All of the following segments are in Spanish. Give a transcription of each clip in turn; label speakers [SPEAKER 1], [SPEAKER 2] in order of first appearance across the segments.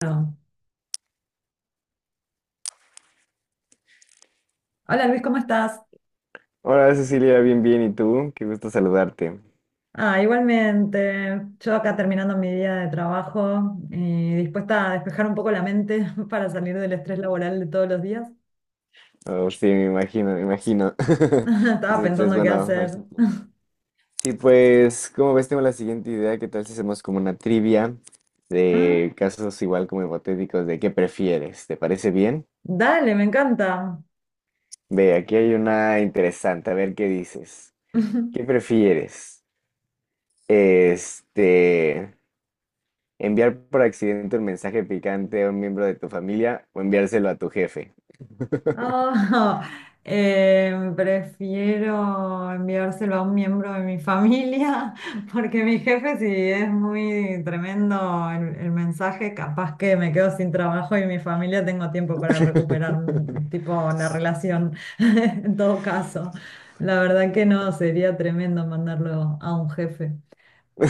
[SPEAKER 1] Bueno, hola Luis, ¿cómo estás?
[SPEAKER 2] Hola Cecilia, bien, bien, ¿y tú? Qué gusto saludarte.
[SPEAKER 1] Ah, igualmente, yo acá terminando mi día de trabajo y dispuesta a despejar un poco la mente para salir del estrés laboral de todos los días.
[SPEAKER 2] Oh, sí, me imagino, me imagino.
[SPEAKER 1] Estaba
[SPEAKER 2] Siempre es
[SPEAKER 1] pensando qué
[SPEAKER 2] bueno hablar
[SPEAKER 1] hacer.
[SPEAKER 2] contigo. Sí, pues, como ves, tengo la siguiente idea. ¿Qué tal si hacemos como una trivia
[SPEAKER 1] Ah,
[SPEAKER 2] de casos igual como hipotéticos de qué prefieres? ¿Te parece bien?
[SPEAKER 1] dale, me encanta.
[SPEAKER 2] Ve, aquí hay una interesante. A ver qué dices. ¿Qué prefieres? Este, Enviar por accidente un mensaje picante a un miembro de tu familia o enviárselo a tu jefe.
[SPEAKER 1] Oh, prefiero enviárselo a un miembro de mi familia, porque mi jefe, si es muy tremendo el mensaje, capaz que me quedo sin trabajo y mi familia tengo tiempo para recuperar, tipo, la relación, en todo caso. La verdad que no, sería tremendo mandarlo a un jefe.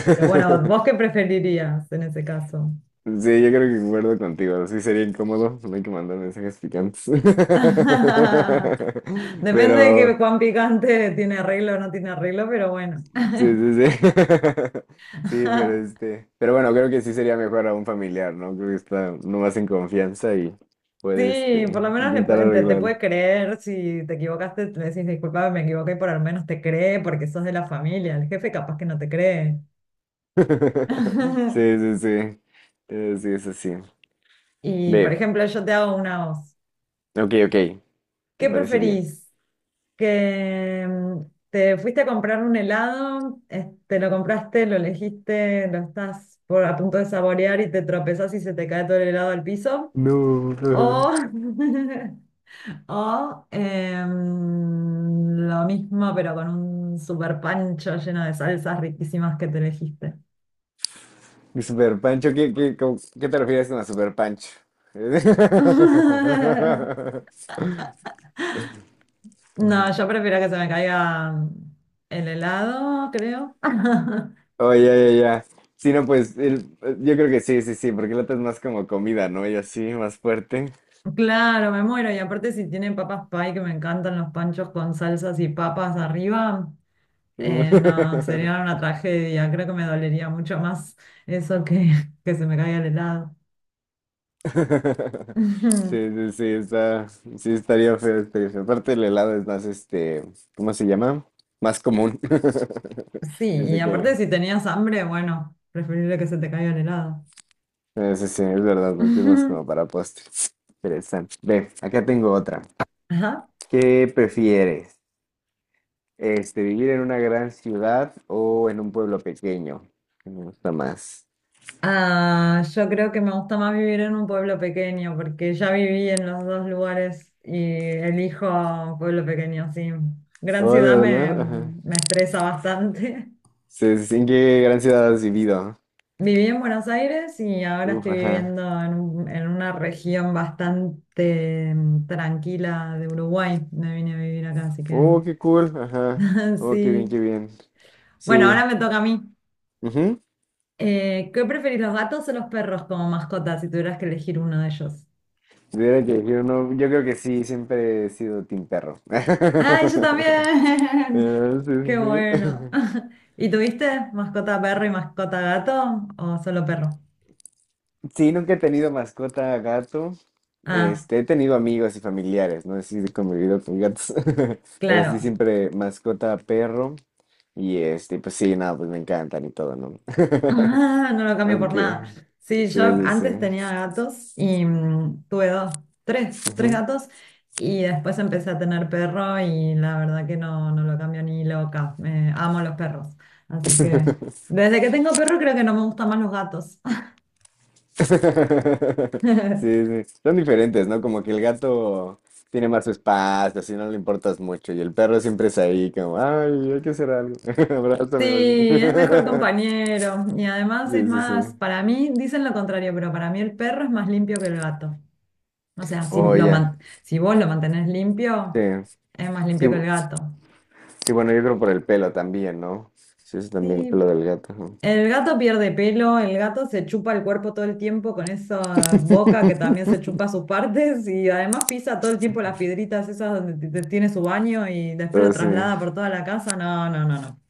[SPEAKER 1] Pero bueno, ¿vos qué preferirías en ese caso?
[SPEAKER 2] Sí, yo creo que concuerdo contigo. Sí sería incómodo, no hay que mandar mensajes picantes.
[SPEAKER 1] Depende de
[SPEAKER 2] Pero,
[SPEAKER 1] que, cuán picante tiene arreglo o no tiene arreglo, pero
[SPEAKER 2] sí,
[SPEAKER 1] bueno.
[SPEAKER 2] sí, sí. Sí, pero pero bueno, creo que sí sería mejor a un familiar, ¿no? Creo que está no más en confianza y puede,
[SPEAKER 1] Sí, por lo menos le
[SPEAKER 2] intentar
[SPEAKER 1] pueden- te
[SPEAKER 2] arreglarlo.
[SPEAKER 1] puede creer si te equivocaste, le decís disculpa, me equivoqué, por al menos te cree porque sos de la familia, el jefe capaz que no te cree.
[SPEAKER 2] Sí, sí, sí. Sí, es así.
[SPEAKER 1] Y por
[SPEAKER 2] Ve,
[SPEAKER 1] ejemplo, yo te hago una voz.
[SPEAKER 2] ok, ok, me
[SPEAKER 1] ¿Qué
[SPEAKER 2] parece bien.
[SPEAKER 1] preferís? Que te fuiste a comprar un helado, te lo compraste, lo elegiste, lo estás por, a punto de saborear y te tropezás y se te cae todo el helado al piso.
[SPEAKER 2] No.
[SPEAKER 1] O o lo mismo, pero con un super pancho lleno de salsas riquísimas que te elegiste.
[SPEAKER 2] Mi super pancho, ¿ qué te refieres con la super pancho?
[SPEAKER 1] No, yo prefiero que se me caiga el helado, creo.
[SPEAKER 2] Oh, ya, ya, ya. Sí, no, yo creo que sí, sí, sí, porque la otra es más como comida, ¿no? Y así, más fuerte.
[SPEAKER 1] Claro, me muero. Y aparte, si tienen papas pie, que me encantan los panchos con salsas y papas arriba,
[SPEAKER 2] Uh.
[SPEAKER 1] no, sería una tragedia. Creo que me dolería mucho más eso que se me caiga el helado.
[SPEAKER 2] Sí, sí, sí, sí, estaría feo, estaría feo. Aparte el helado es más, ¿cómo se llama? Más común.
[SPEAKER 1] Sí, y
[SPEAKER 2] Desde
[SPEAKER 1] aparte
[SPEAKER 2] que...
[SPEAKER 1] si tenías hambre, bueno, preferible que se te caiga el helado.
[SPEAKER 2] Sí, sí, es verdad, porque es más como para postres. Interesante. Ve, acá tengo otra.
[SPEAKER 1] Ajá.
[SPEAKER 2] ¿Qué prefieres? ¿Vivir en una gran ciudad o en un pueblo pequeño? ¿Qué Me gusta más?
[SPEAKER 1] Ah, yo creo que me gusta más vivir en un pueblo pequeño, porque ya viví en los dos lugares y elijo pueblo pequeño, sí. Gran
[SPEAKER 2] Oh, de
[SPEAKER 1] ciudad me,
[SPEAKER 2] verdad, ajá.
[SPEAKER 1] me estresa bastante.
[SPEAKER 2] Sí, sí, sí, ¿en qué gran ciudad has vivido?
[SPEAKER 1] Viví en Buenos Aires y ahora
[SPEAKER 2] Uf,
[SPEAKER 1] estoy
[SPEAKER 2] ajá.
[SPEAKER 1] viviendo en, un- en una región bastante tranquila de Uruguay. Me vine a vivir acá, así que
[SPEAKER 2] Oh, qué cool, ajá. Oh, qué bien,
[SPEAKER 1] sí.
[SPEAKER 2] qué bien.
[SPEAKER 1] Bueno, ahora
[SPEAKER 2] Sí.
[SPEAKER 1] me toca a mí.
[SPEAKER 2] Ujú.
[SPEAKER 1] ¿Qué preferís, los gatos o los perros como mascotas si tuvieras que elegir uno de ellos?
[SPEAKER 2] Si tuviera que elegir uno, yo creo que sí, siempre he sido team perro.
[SPEAKER 1] ¡Ay, yo también!
[SPEAKER 2] Ah, sí,
[SPEAKER 1] ¡Qué
[SPEAKER 2] sí, sí.
[SPEAKER 1] bueno! ¿Y tuviste mascota perro y mascota gato o solo perro?
[SPEAKER 2] Sí, nunca he tenido mascota gato.
[SPEAKER 1] Ah,
[SPEAKER 2] He tenido amigos y familiares, no. Sí, he convivido con gatos, pero sí
[SPEAKER 1] claro.
[SPEAKER 2] siempre mascota perro. Y pues sí, nada, pues me encantan y todo, ¿no?
[SPEAKER 1] Ah, no lo cambio por
[SPEAKER 2] Aunque,
[SPEAKER 1] nada. Sí, yo
[SPEAKER 2] sí, sí, sí.
[SPEAKER 1] antes tenía gatos y tuve dos, tres, tres
[SPEAKER 2] Ujú.
[SPEAKER 1] gatos y después empecé a tener perro y la verdad que no, no lo cambio ni loca. Me, amo los perros. Así que desde que tengo perro creo que no me gustan más los gatos.
[SPEAKER 2] Sí, sí. Son diferentes, ¿no? Como que el gato tiene más su espacio, así no le importas mucho. Y el perro siempre es ahí, como, ay, hay que hacer algo.
[SPEAKER 1] Sí,
[SPEAKER 2] Abrázame, o así.
[SPEAKER 1] es mejor compañero y además es
[SPEAKER 2] Sí, sí,
[SPEAKER 1] más,
[SPEAKER 2] sí.
[SPEAKER 1] para mí, dicen lo contrario, pero para mí el perro es más limpio que el gato. O sea, si, lo
[SPEAKER 2] Oye.
[SPEAKER 1] man- si vos lo mantenés
[SPEAKER 2] Sí,
[SPEAKER 1] limpio, es más
[SPEAKER 2] sí,
[SPEAKER 1] limpio que el
[SPEAKER 2] bu-
[SPEAKER 1] gato.
[SPEAKER 2] sí, bueno, yo creo por el pelo también, ¿no? Sí, es también el
[SPEAKER 1] Sí,
[SPEAKER 2] pelo del gato, ajá.
[SPEAKER 1] el gato pierde pelo, el gato se chupa el cuerpo todo el tiempo con esa boca que también se chupa sus partes y además pisa todo el tiempo las piedritas esas donde t- t- tiene su baño y después
[SPEAKER 2] Pero
[SPEAKER 1] lo
[SPEAKER 2] sí,
[SPEAKER 1] traslada por toda la casa. No, no, no, no.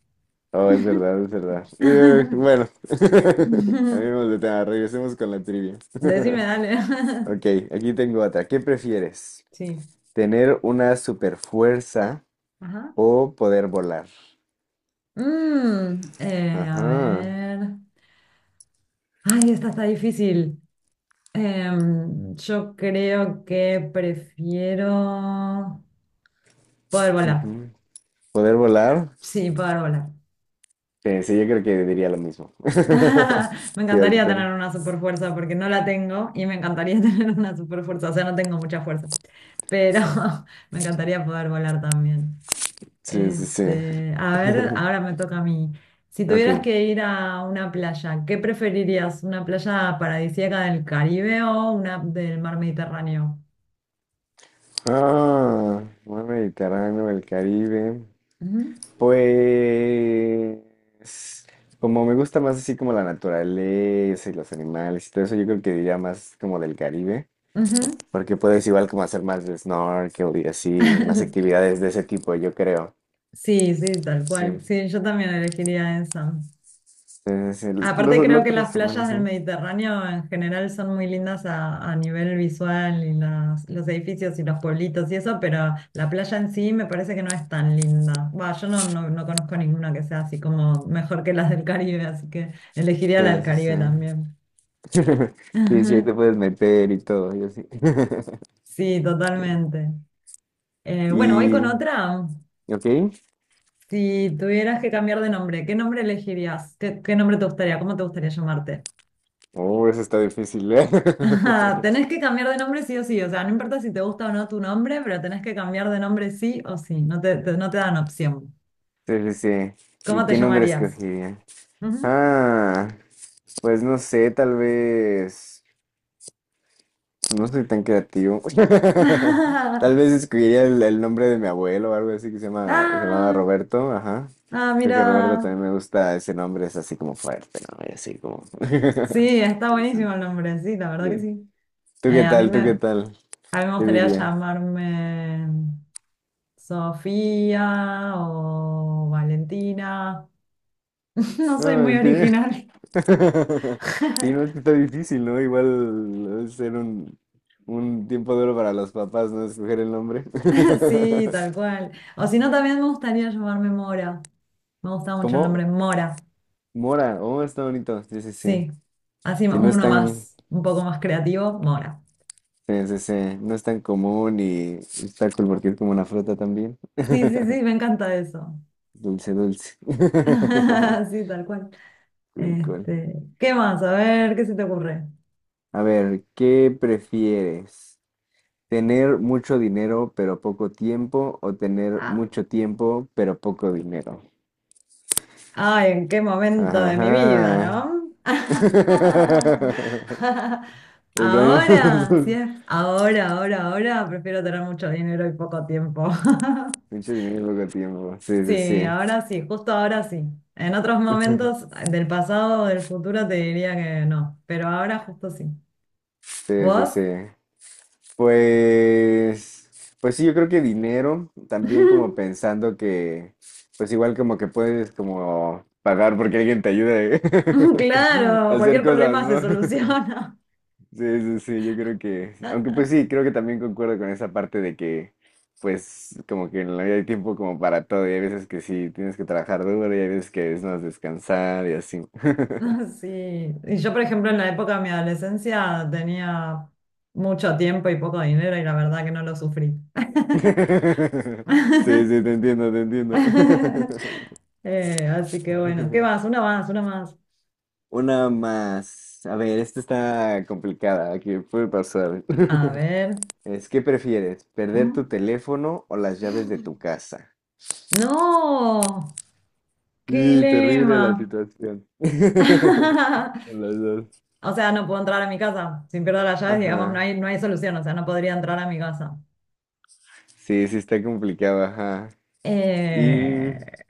[SPEAKER 2] oh, es verdad, es verdad. Bueno, amigos de tema, regresemos con la trivia.
[SPEAKER 1] Decime, dale.
[SPEAKER 2] Ok, aquí tengo otra. ¿Qué prefieres?
[SPEAKER 1] Sí.
[SPEAKER 2] ¿Tener una super fuerza
[SPEAKER 1] Ajá.
[SPEAKER 2] o poder volar?
[SPEAKER 1] A
[SPEAKER 2] Ajá.
[SPEAKER 1] ver. Ay, esta está difícil. Yo creo que prefiero poder volar.
[SPEAKER 2] Ujú. ¿Poder volar?
[SPEAKER 1] Sí, poder volar.
[SPEAKER 2] Sí, sí, yo creo que diría lo mismo.
[SPEAKER 1] Me
[SPEAKER 2] Sí, a ver qué
[SPEAKER 1] encantaría
[SPEAKER 2] pedo.
[SPEAKER 1] tener una super fuerza porque no la tengo y me encantaría tener una super fuerza, o sea, no tengo mucha fuerza, pero me encantaría poder volar también.
[SPEAKER 2] Sí, sí, sí.
[SPEAKER 1] Este, a ver, ahora me toca a mí. Si
[SPEAKER 2] Ok.
[SPEAKER 1] tuvieras que ir a una playa, ¿qué preferirías? ¿Una playa paradisíaca del Caribe o una del mar Mediterráneo?
[SPEAKER 2] Ah, mar Mediterráneo, el Caribe. Pues, como me gusta más así como la naturaleza y los animales y todo eso, yo creo que diría más como del Caribe,
[SPEAKER 1] Ujú, ujú.
[SPEAKER 2] porque puedes igual como hacer más de snorkel y así, más actividades de ese tipo, yo creo.
[SPEAKER 1] Sí, sí, tal
[SPEAKER 2] Sí,
[SPEAKER 1] cual.
[SPEAKER 2] sí,
[SPEAKER 1] Sí, yo también elegiría esa.
[SPEAKER 2] sí, sí. los,
[SPEAKER 1] Aparte
[SPEAKER 2] los
[SPEAKER 1] creo que las
[SPEAKER 2] otros
[SPEAKER 1] playas
[SPEAKER 2] humanos,
[SPEAKER 1] del
[SPEAKER 2] ¿no?
[SPEAKER 1] Mediterráneo en general son muy lindas a nivel visual y las- los edificios y los pueblitos y eso, pero la playa en sí me parece que no es tan linda. Va, yo no, no, no conozco ninguna que sea así como mejor que las del Caribe, así que elegiría
[SPEAKER 2] Sí,
[SPEAKER 1] la del
[SPEAKER 2] sí, sí.
[SPEAKER 1] Caribe también.
[SPEAKER 2] Sí, sí, ahí
[SPEAKER 1] Ajá.
[SPEAKER 2] te puedes meter y todo, y así.
[SPEAKER 1] Sí, totalmente. Bueno, voy con
[SPEAKER 2] Sí.
[SPEAKER 1] otra.
[SPEAKER 2] Y, ok.
[SPEAKER 1] Si tuvieras que cambiar de nombre, ¿qué nombre elegirías? ¿Qué, qué nombre te gustaría? ¿Cómo te gustaría llamarte?
[SPEAKER 2] Oh, eso está difícil, ¿eh?
[SPEAKER 1] Ajá, tenés que cambiar de nombre sí o sí, o sea, no importa si te gusta o no tu nombre, pero tenés que cambiar de nombre sí o sí, no te, te- no te dan opción.
[SPEAKER 2] Sí, sí, sí.
[SPEAKER 1] ¿Cómo
[SPEAKER 2] ¿Y
[SPEAKER 1] te
[SPEAKER 2] qué nombre
[SPEAKER 1] llamarías?
[SPEAKER 2] escogería?
[SPEAKER 1] Ujú.
[SPEAKER 2] Ah, pues no sé, tal vez. No soy tan creativo. Tal vez escogería el nombre de mi abuelo o algo así que se llama, se llamaba
[SPEAKER 1] Ah,
[SPEAKER 2] Roberto, ajá.
[SPEAKER 1] ah,
[SPEAKER 2] Creo que Roberto
[SPEAKER 1] mira.
[SPEAKER 2] también me gusta ese nombre, es así como fuerte, ¿no? Y así como.
[SPEAKER 1] Sí, está buenísimo
[SPEAKER 2] Interesante.
[SPEAKER 1] el nombre, sí, la verdad que
[SPEAKER 2] Sí.
[SPEAKER 1] sí.
[SPEAKER 2] ¿Tú
[SPEAKER 1] Eh,
[SPEAKER 2] qué
[SPEAKER 1] a mí
[SPEAKER 2] tal?
[SPEAKER 1] me,
[SPEAKER 2] ¿Tú qué
[SPEAKER 1] a
[SPEAKER 2] tal?
[SPEAKER 1] mí me
[SPEAKER 2] ¿Qué
[SPEAKER 1] gustaría
[SPEAKER 2] dirías?
[SPEAKER 1] llamarme Sofía o Valentina. No soy
[SPEAKER 2] Ah,
[SPEAKER 1] muy
[SPEAKER 2] mentira.
[SPEAKER 1] original.
[SPEAKER 2] Sí, no, es que está difícil, ¿no? Igual es ser un tiempo duro para los papás, ¿no? Escoger el nombre.
[SPEAKER 1] Sí, tal cual. O si no, también me gustaría llamarme Mora. Me gusta mucho el nombre
[SPEAKER 2] ¿Cómo?
[SPEAKER 1] Mora.
[SPEAKER 2] Mora. Oh, está bonito. Sí, sí, sí.
[SPEAKER 1] Sí. Así
[SPEAKER 2] Sí, no es
[SPEAKER 1] uno
[SPEAKER 2] tan,
[SPEAKER 1] más, un poco más creativo, Mora.
[SPEAKER 2] sí, sí, sí, no es tan común y está cool porque es como una fruta también.
[SPEAKER 1] Sí, sí, sí, me encanta eso.
[SPEAKER 2] Dulce, dulce.
[SPEAKER 1] Sí, tal cual.
[SPEAKER 2] Cool, cool.
[SPEAKER 1] Este, ¿qué más? A ver, ¿qué se te ocurre?
[SPEAKER 2] A ver, ¿qué prefieres? ¿Tener mucho dinero pero poco tiempo o tener
[SPEAKER 1] Ah,
[SPEAKER 2] mucho tiempo pero poco dinero?
[SPEAKER 1] ay, ¿en qué momento de mi vida,
[SPEAKER 2] Ajá.
[SPEAKER 1] no?
[SPEAKER 2] El baño de los
[SPEAKER 1] Ahora,
[SPEAKER 2] dos.
[SPEAKER 1] si es ahora, ahora, ahora, prefiero tener mucho dinero y poco tiempo.
[SPEAKER 2] Mucho dinero y poco tiempo. Sí,
[SPEAKER 1] Sí,
[SPEAKER 2] sí,
[SPEAKER 1] ahora sí, justo ahora sí. En otros
[SPEAKER 2] sí.
[SPEAKER 1] momentos del pasado o del futuro te diría que no, pero ahora justo sí.
[SPEAKER 2] Sí, sí,
[SPEAKER 1] ¿Vos?
[SPEAKER 2] sí. Pues sí, yo creo que dinero, también como pensando que, pues igual como que puedes como pagar porque alguien te ayude a
[SPEAKER 1] Claro,
[SPEAKER 2] hacer
[SPEAKER 1] cualquier
[SPEAKER 2] cosas,
[SPEAKER 1] problema se
[SPEAKER 2] ¿no?
[SPEAKER 1] soluciona.
[SPEAKER 2] Sí, sí, sí, yo creo que, aunque pues sí, creo que también concuerdo con esa parte de que, pues, como que en la vida hay tiempo como para todo, y hay veces que sí tienes que trabajar duro, y hay veces que es más descansar y así.
[SPEAKER 1] Sí, y yo por ejemplo en la época de mi adolescencia tenía mucho tiempo y poco dinero y la verdad que no lo sufrí.
[SPEAKER 2] Sí, sí, te entiendo, te entiendo.
[SPEAKER 1] Así que bueno, ¿qué más? Una más, una más.
[SPEAKER 2] Una más. A ver, esta está complicada, aquí puede pasar.
[SPEAKER 1] A ver.
[SPEAKER 2] Es, ¿qué prefieres? ¿Perder tu teléfono o las llaves de tu casa?
[SPEAKER 1] No, qué
[SPEAKER 2] Y terrible la
[SPEAKER 1] dilema.
[SPEAKER 2] situación. Las dos.
[SPEAKER 1] O sea, no puedo entrar a mi casa. Sin pierdo las llaves, digamos, no
[SPEAKER 2] Ajá.
[SPEAKER 1] hay, no hay solución. O sea, no podría entrar a mi casa.
[SPEAKER 2] Sí, sí está complicado, ajá. Y...
[SPEAKER 1] Eh,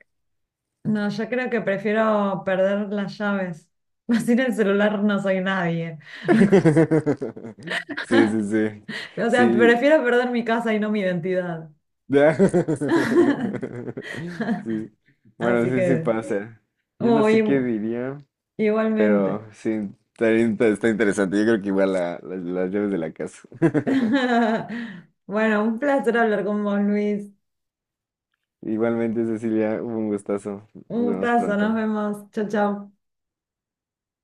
[SPEAKER 1] no, yo creo que prefiero perder las llaves. Sin el celular no soy nadie.
[SPEAKER 2] Sí, sí, sí.
[SPEAKER 1] O sea,
[SPEAKER 2] Sí.
[SPEAKER 1] prefiero perder mi casa y no mi identidad.
[SPEAKER 2] Sí. Bueno,
[SPEAKER 1] Así
[SPEAKER 2] sí, sí
[SPEAKER 1] que,
[SPEAKER 2] pasa. Yo no
[SPEAKER 1] uy,
[SPEAKER 2] sé qué
[SPEAKER 1] igu-
[SPEAKER 2] diría, pero
[SPEAKER 1] igualmente.
[SPEAKER 2] sí, está interesante. Yo creo que igual las llaves de la casa.
[SPEAKER 1] Bueno, un placer hablar con vos, Luis.
[SPEAKER 2] Igualmente, Cecilia, hubo un gustazo.
[SPEAKER 1] Un
[SPEAKER 2] Nos vemos
[SPEAKER 1] gustazo, nos
[SPEAKER 2] pronto.
[SPEAKER 1] vemos. Chao, chao.